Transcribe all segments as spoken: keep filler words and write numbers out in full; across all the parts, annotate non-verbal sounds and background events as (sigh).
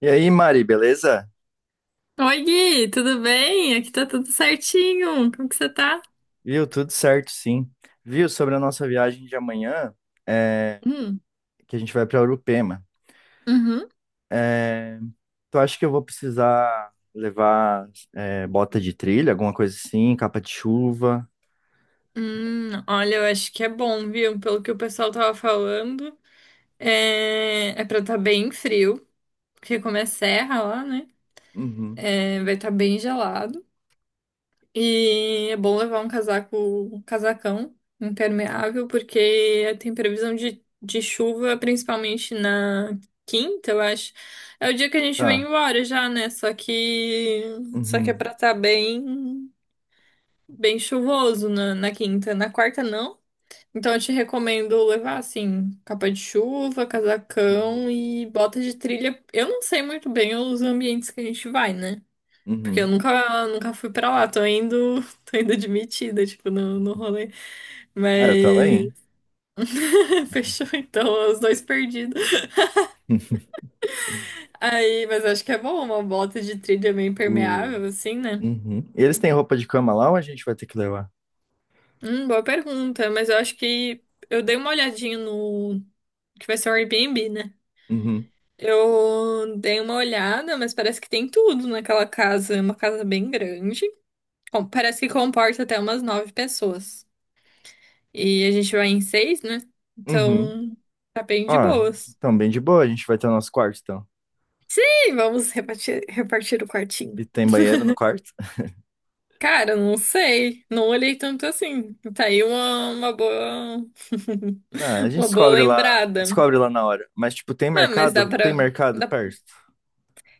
E aí, Mari, beleza? Oi, Gui, tudo bem? Aqui tá tudo certinho. Como que você tá? Viu? Tudo certo, sim. Viu? Sobre a nossa viagem de amanhã, é, Hum, que a gente vai para Urupema. uhum. Tu acha que eu vou precisar levar é, bota de trilha, alguma coisa assim, capa de chuva? Hum, olha, eu acho que é bom, viu? Pelo que o pessoal tava falando, é, é pra tá bem frio, porque como é serra lá, né? Uhum. É, vai estar tá bem gelado. E é bom levar um casaco, um casacão impermeável, porque tem previsão de, de chuva, principalmente na quinta, eu acho. É o dia que a gente vem Tá. embora já, né? Só que, só que é Uhum. pra estar bem, bem chuvoso na, na quinta. Na quarta, não. Então eu te recomendo levar, assim, capa de chuva, casacão Uhum. e bota de trilha. Eu não sei muito bem os ambientes que a gente vai, né? Porque eu Uhum. nunca, nunca fui pra lá, tô indo, (laughs) tô indo admitida, tipo, no, no rolê. É, eu Mas também. (laughs) fechou então, os dois perdidos. Aí, mas acho que é bom uma bota de trilha meio Uh. impermeável, assim, né? Uhum. E eles têm roupa de cama lá ou a gente vai ter que levar? Hum, boa pergunta, mas eu acho que eu dei uma olhadinha no que vai ser o Airbnb, né? Uhum. Eu dei uma olhada, mas parece que tem tudo naquela casa, é uma casa bem grande. Com- Parece que comporta até umas nove pessoas. E a gente vai em seis, né? Uhum. Então, tá bem Ó, de boas. então bem de boa, a gente vai ter o nosso quarto, então. E vamos repartir, repartir o quartinho. E tem banheiro no quarto? Cara, não sei. Não olhei tanto assim. Tá aí uma, uma boa. Ah, a (laughs) gente Uma boa descobre lá, lembrada. descobre lá na hora. Mas, tipo, tem Ah, mas dá mercado? Tem pra. mercado dá- perto.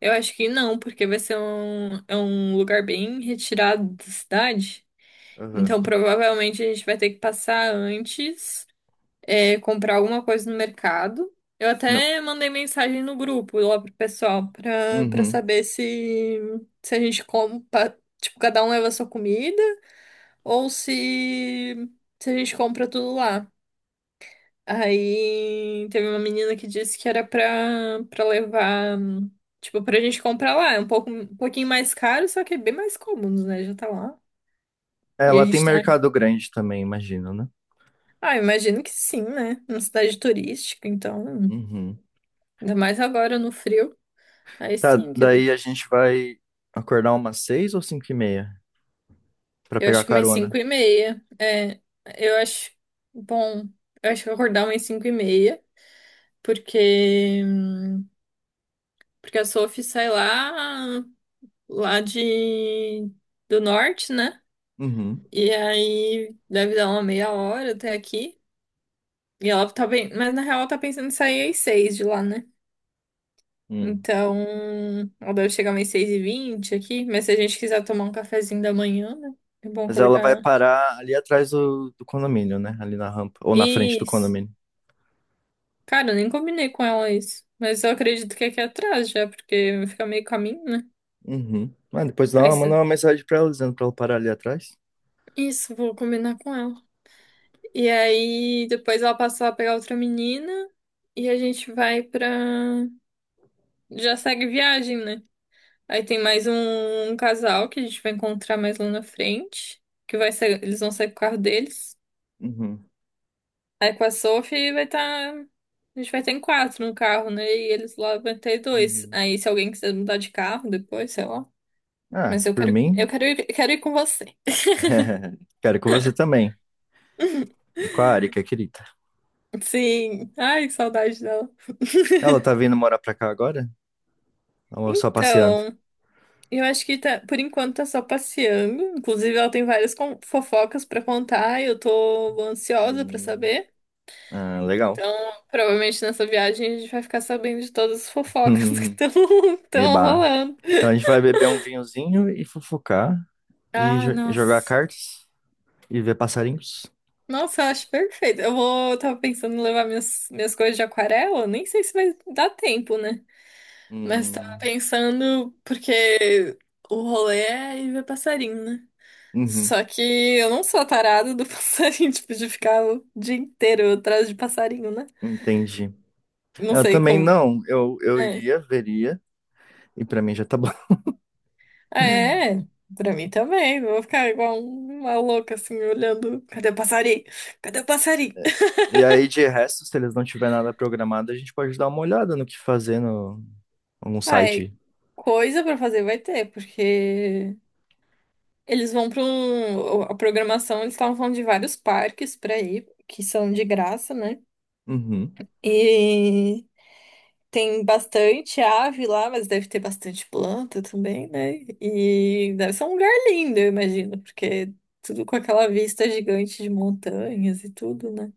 Eu acho que não, porque vai ser um, é um lugar bem retirado da cidade. Aham. Então, provavelmente a gente vai ter que passar antes. É, comprar alguma coisa no mercado. Eu Não. até mandei mensagem no grupo lá pro pessoal pra, pra Uhum. saber se, se a gente compra, tipo, cada um leva a sua comida ou se, se a gente compra tudo lá. Aí teve uma menina que disse que era pra, pra levar, tipo, pra gente comprar lá. É um pouco, um pouquinho mais caro, só que é bem mais cômodo, né? Já tá lá. É, E a lá tem gente tá. mercado grande também, imagino, né? Ah, imagino que sim, né? Uma cidade turística, então. Uhum. Ainda mais agora no frio. Aí Tá, sim, que daí a gente vai acordar umas seis ou cinco e meia pra eu pegar acho que umas carona. cinco e meia. É, eu acho bom, eu acho que eu vou acordar umas cinco e meia, porque, porque a Sophie sai lá, lá de, do norte, né? Uhum. E aí deve dar uma meia hora até aqui. E ela tá bem, mas na real ela tá pensando em sair às seis de lá, né? Hum. Então, ela deve chegar umas seis e vinte aqui, mas se a gente quiser tomar um cafezinho da manhã, né? É bom Mas ela vai acordar. parar ali atrás do, do condomínio, né? Ali na rampa, ou na frente do Isso. condomínio. Cara, eu nem combinei com ela isso. Mas eu acredito que é aqui atrás já, porque fica meio caminho, né? Uhum. Mas depois dá Aí uma, manda você... uma mensagem pra ela dizendo pra ela parar ali atrás. Isso, vou combinar com ela. E aí depois ela passa a pegar outra menina e a gente vai pra. Já segue viagem, né? Aí tem mais um, um casal que a gente vai encontrar mais lá na frente. Que vai ser... Eles vão sair com o carro deles. Uhum, Aí com a Sophie vai estar. A gente vai ter em quatro no carro, né? E eles lá vão ter dois. uhum. Aí se alguém quiser mudar de carro depois, sei lá. Ah, Mas eu por quero, mim, eu quero ir, quero ir com você. (laughs) quero com você também. E com a Arika, querida. Sim. Ai, que saudade dela. Ela tá vindo morar pra cá agora? Ou só passeando? Então, eu acho que tá, por enquanto tá só passeando. Inclusive, ela tem várias con- fofocas pra contar e eu tô ansiosa pra Hum, saber. ah, legal. Então, provavelmente nessa viagem a gente vai ficar sabendo de todas as fofocas (laughs) que (laughs) estão estão Eba. rolando. Então a gente vai beber um vinhozinho e fofocar e Ah, jo- jogar nossa. cartas e ver passarinhos. Nossa, eu acho perfeito. Eu vou, eu tava pensando em levar minhas, minhas coisas de aquarela. Nem sei se vai dar tempo, né? Mas tava Hum, pensando, porque o rolê é ir ver passarinho, né? uhum, Só que eu não sou a tarada do (laughs) passarinho, tipo, de ficar o dia inteiro atrás de passarinho, né? entendi. Não Eu sei também como. não, eu, eu É, iria, veria, e pra mim já tá bom. (laughs) ah, é, pra mim também. Vou ficar igual uma louca, assim, olhando. Cadê o passarinho? Cadê o passarinho? (laughs) E aí, de resto, se eles não tiver nada programado, a gente pode dar uma olhada no que fazer no, algum Ah, é, site. coisa pra fazer vai ter, porque eles vão pra um. A programação, eles estavam falando de vários parques pra ir, que são de graça, né? Uhum, E tem bastante ave lá, mas deve ter bastante planta também, né? E deve ser um lugar lindo, eu imagino, porque tudo com aquela vista gigante de montanhas e tudo, né?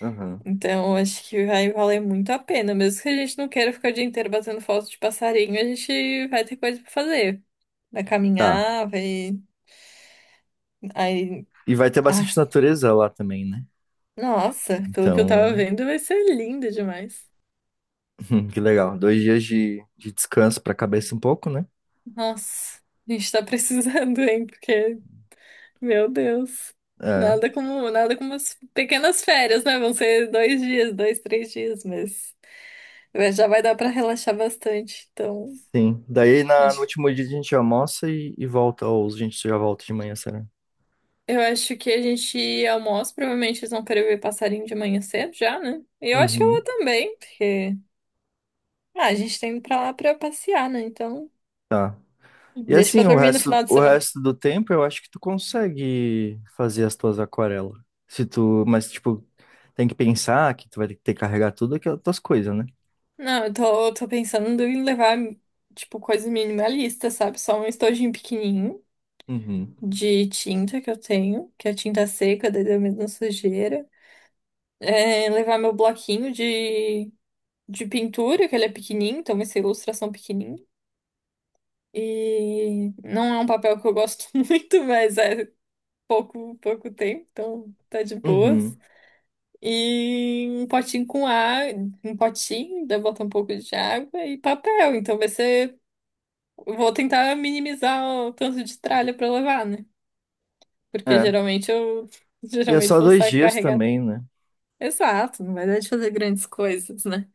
aham. Então, acho que vai valer muito a pena. Mesmo que a gente não queira ficar o dia inteiro batendo foto de passarinho, a gente vai ter coisa pra fazer. Vai Tá. caminhar, vai. Aí. E vai ter Ai, bastante natureza lá também, né? nossa, pelo que eu tava Então, vendo, vai ser lindo demais. (laughs) que legal. Dois dias de, de descanso pra cabeça um pouco, né? Nossa, a gente tá precisando, hein? Porque Meu Deus. É, Nada como, nada como as pequenas férias, né? Vão ser dois dias, dois, três dias, mas mas já vai dar pra relaxar bastante. Então, sim. Daí na, no acho- último dia a gente almoça e, e volta, ou a gente já volta de manhã, será? eu acho que a gente almoça. Provavelmente eles vão querer ver passarinho de manhã cedo já, né? E eu acho que eu vou Uhum. também, porque ah, a gente tá indo pra lá pra passear, né? Então, Tá. E deixa pra assim, o dormir no resto, final de o semana. resto do tempo eu acho que tu consegue fazer as tuas aquarelas. Se tu, mas tipo, tem que pensar que tu vai ter que carregar tudo aquelas tuas coisas, né? Não, eu tô, eu tô pensando em levar, tipo, coisa minimalista, sabe? Só um estojinho pequenininho Uhum. de tinta que eu tenho, que é tinta seca, daí da mesma sujeira. É, levar meu bloquinho de, de pintura, que ele é pequenininho, então vai ser ilustração pequenininha. E não é um papel que eu gosto (laughs) muito, mas é pouco, pouco tempo, então tá de boas. Uhum. E um potinho com água, um potinho, daí botar um pouco de água e papel. Então vai ser. Eu vou tentar minimizar o tanto de tralha pra levar, né? Porque É. geralmente eu (laughs) E é geralmente só vou dois sair. dias também, né? Exato, não vai dar de fazer grandes coisas, né?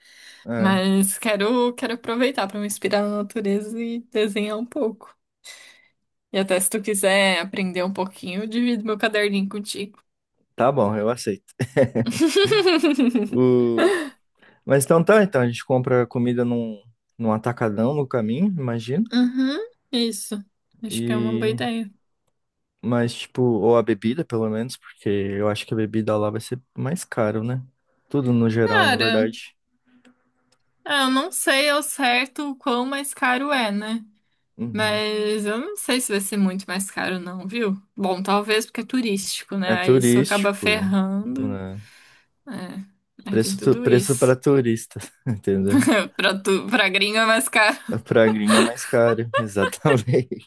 É. Mas quero, quero aproveitar para me inspirar na natureza e desenhar um pouco. E até se tu quiser aprender um pouquinho, eu divido meu caderninho contigo. Tá bom, eu aceito. (laughs) O... Mas então tá, então a gente compra comida num, num atacadão no caminho, imagino. Uhum, isso. Acho que é uma boa E ideia. mas tipo, ou a bebida, pelo menos, porque eu acho que a bebida lá vai ser mais caro, né? Tudo no geral, na Cara, verdade. ah, eu não sei ao certo o quão mais caro é, né? Uhum. Mas eu não sei se vai ser muito mais caro, não, viu? Bom, talvez porque é turístico, É né? Aí isso acaba turístico, ferrando. né? É, aí tem Preço, tu- tudo preço para isso. turista, (laughs) entendeu? (laughs) Pra, tu, pra gringo é mais caro. Pra gringa é mais caro, (laughs) exatamente.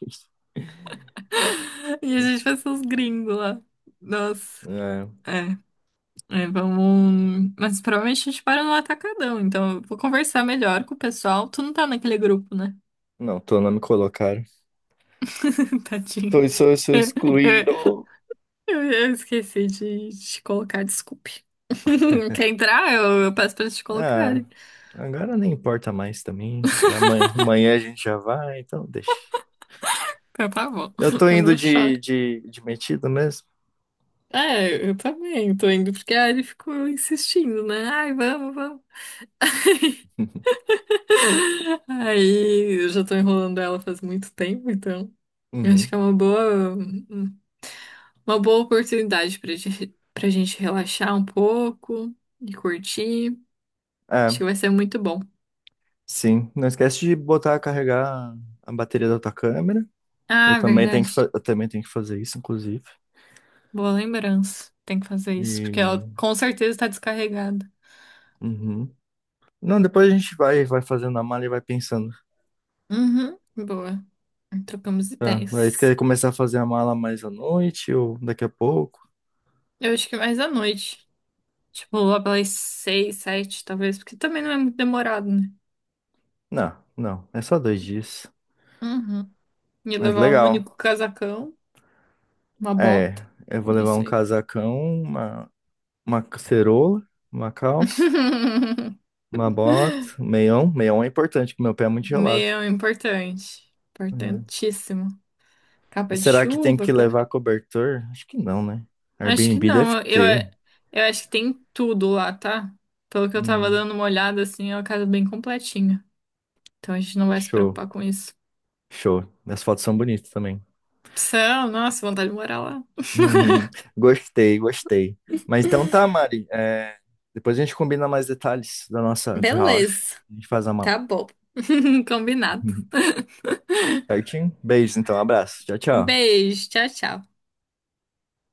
(laughs) E a gente vai ser os gringos lá. Nossa. É, É, é, vamos. Mas provavelmente a gente para no atacadão, então eu vou conversar melhor com o pessoal. Tu não tá naquele grupo, né? não, tô, não me colocaram. (laughs) Tadinho. Tô, sou, sou (laughs) excluído. Eu, eu esqueci de te colocar, desculpe. (laughs) Quer entrar? Eu, eu peço pra eles te Ah, colocarem. agora nem importa mais também. Já amanhã, amanhã a gente já vai, então deixa. Então tá bom, Eu tô (laughs) eu indo não choro. de, de, de metido mesmo. É, eu também tô indo, porque a Ari ficou insistindo, né? Ai, vamos, vamos. Aí eu já tô enrolando ela faz muito tempo, então eu acho que é Uhum. uma boa, uma boa oportunidade pra, gente- pra gente relaxar um pouco e curtir. Acho É, que vai ser muito bom. sim. Não esquece de botar, carregar a bateria da tua câmera. Eu Ah, também tenho verdade. que, fa- eu também tenho que fazer isso, inclusive. Boa lembrança. Tem que fazer isso, porque ela E... com certeza tá descarregada. Uhum. Não, depois a gente vai, vai fazendo a mala e vai pensando. Uhum, boa. Trocamos Tá. Aí tu ideias. quer começar a fazer a mala mais à noite ou daqui a pouco? Eu acho que mais à noite. Tipo, lá pelas seis, sete, talvez, porque também não é muito demorado, né? Não, não. É só dois dias. Uhum. Ia Mas levar um legal. único casacão, uma bota. É, eu vou levar Isso um aí. casacão, uma, uma cerola, uma calça, (laughs) uma bota, um meião. Meião é importante, porque meu pé é muito gelado. Meu, importante. É. Importantíssimo. E Capa de será que tem chuva, que câmera. levar cobertor? Acho que não, né? Acho que Airbnb deve não. Eu, ter. eu acho que tem tudo lá, tá? Pelo que eu tava Hum, dando uma olhada, assim, é uma casa bem completinha. Então a gente não vai se show, preocupar com isso. show. As fotos são bonitas também. São, nossa, vontade de morar lá. (laughs) Uhum. Gostei, gostei. Mas então tá, Mari. é, depois a gente combina mais detalhes da nossa viagem. Beleza, A gente faz a mala. tá bom. (laughs) Combinado. (laughs) Certinho? Beijo, então. Abraço. Tchau, Um tchau. beijo, tchau, tchau.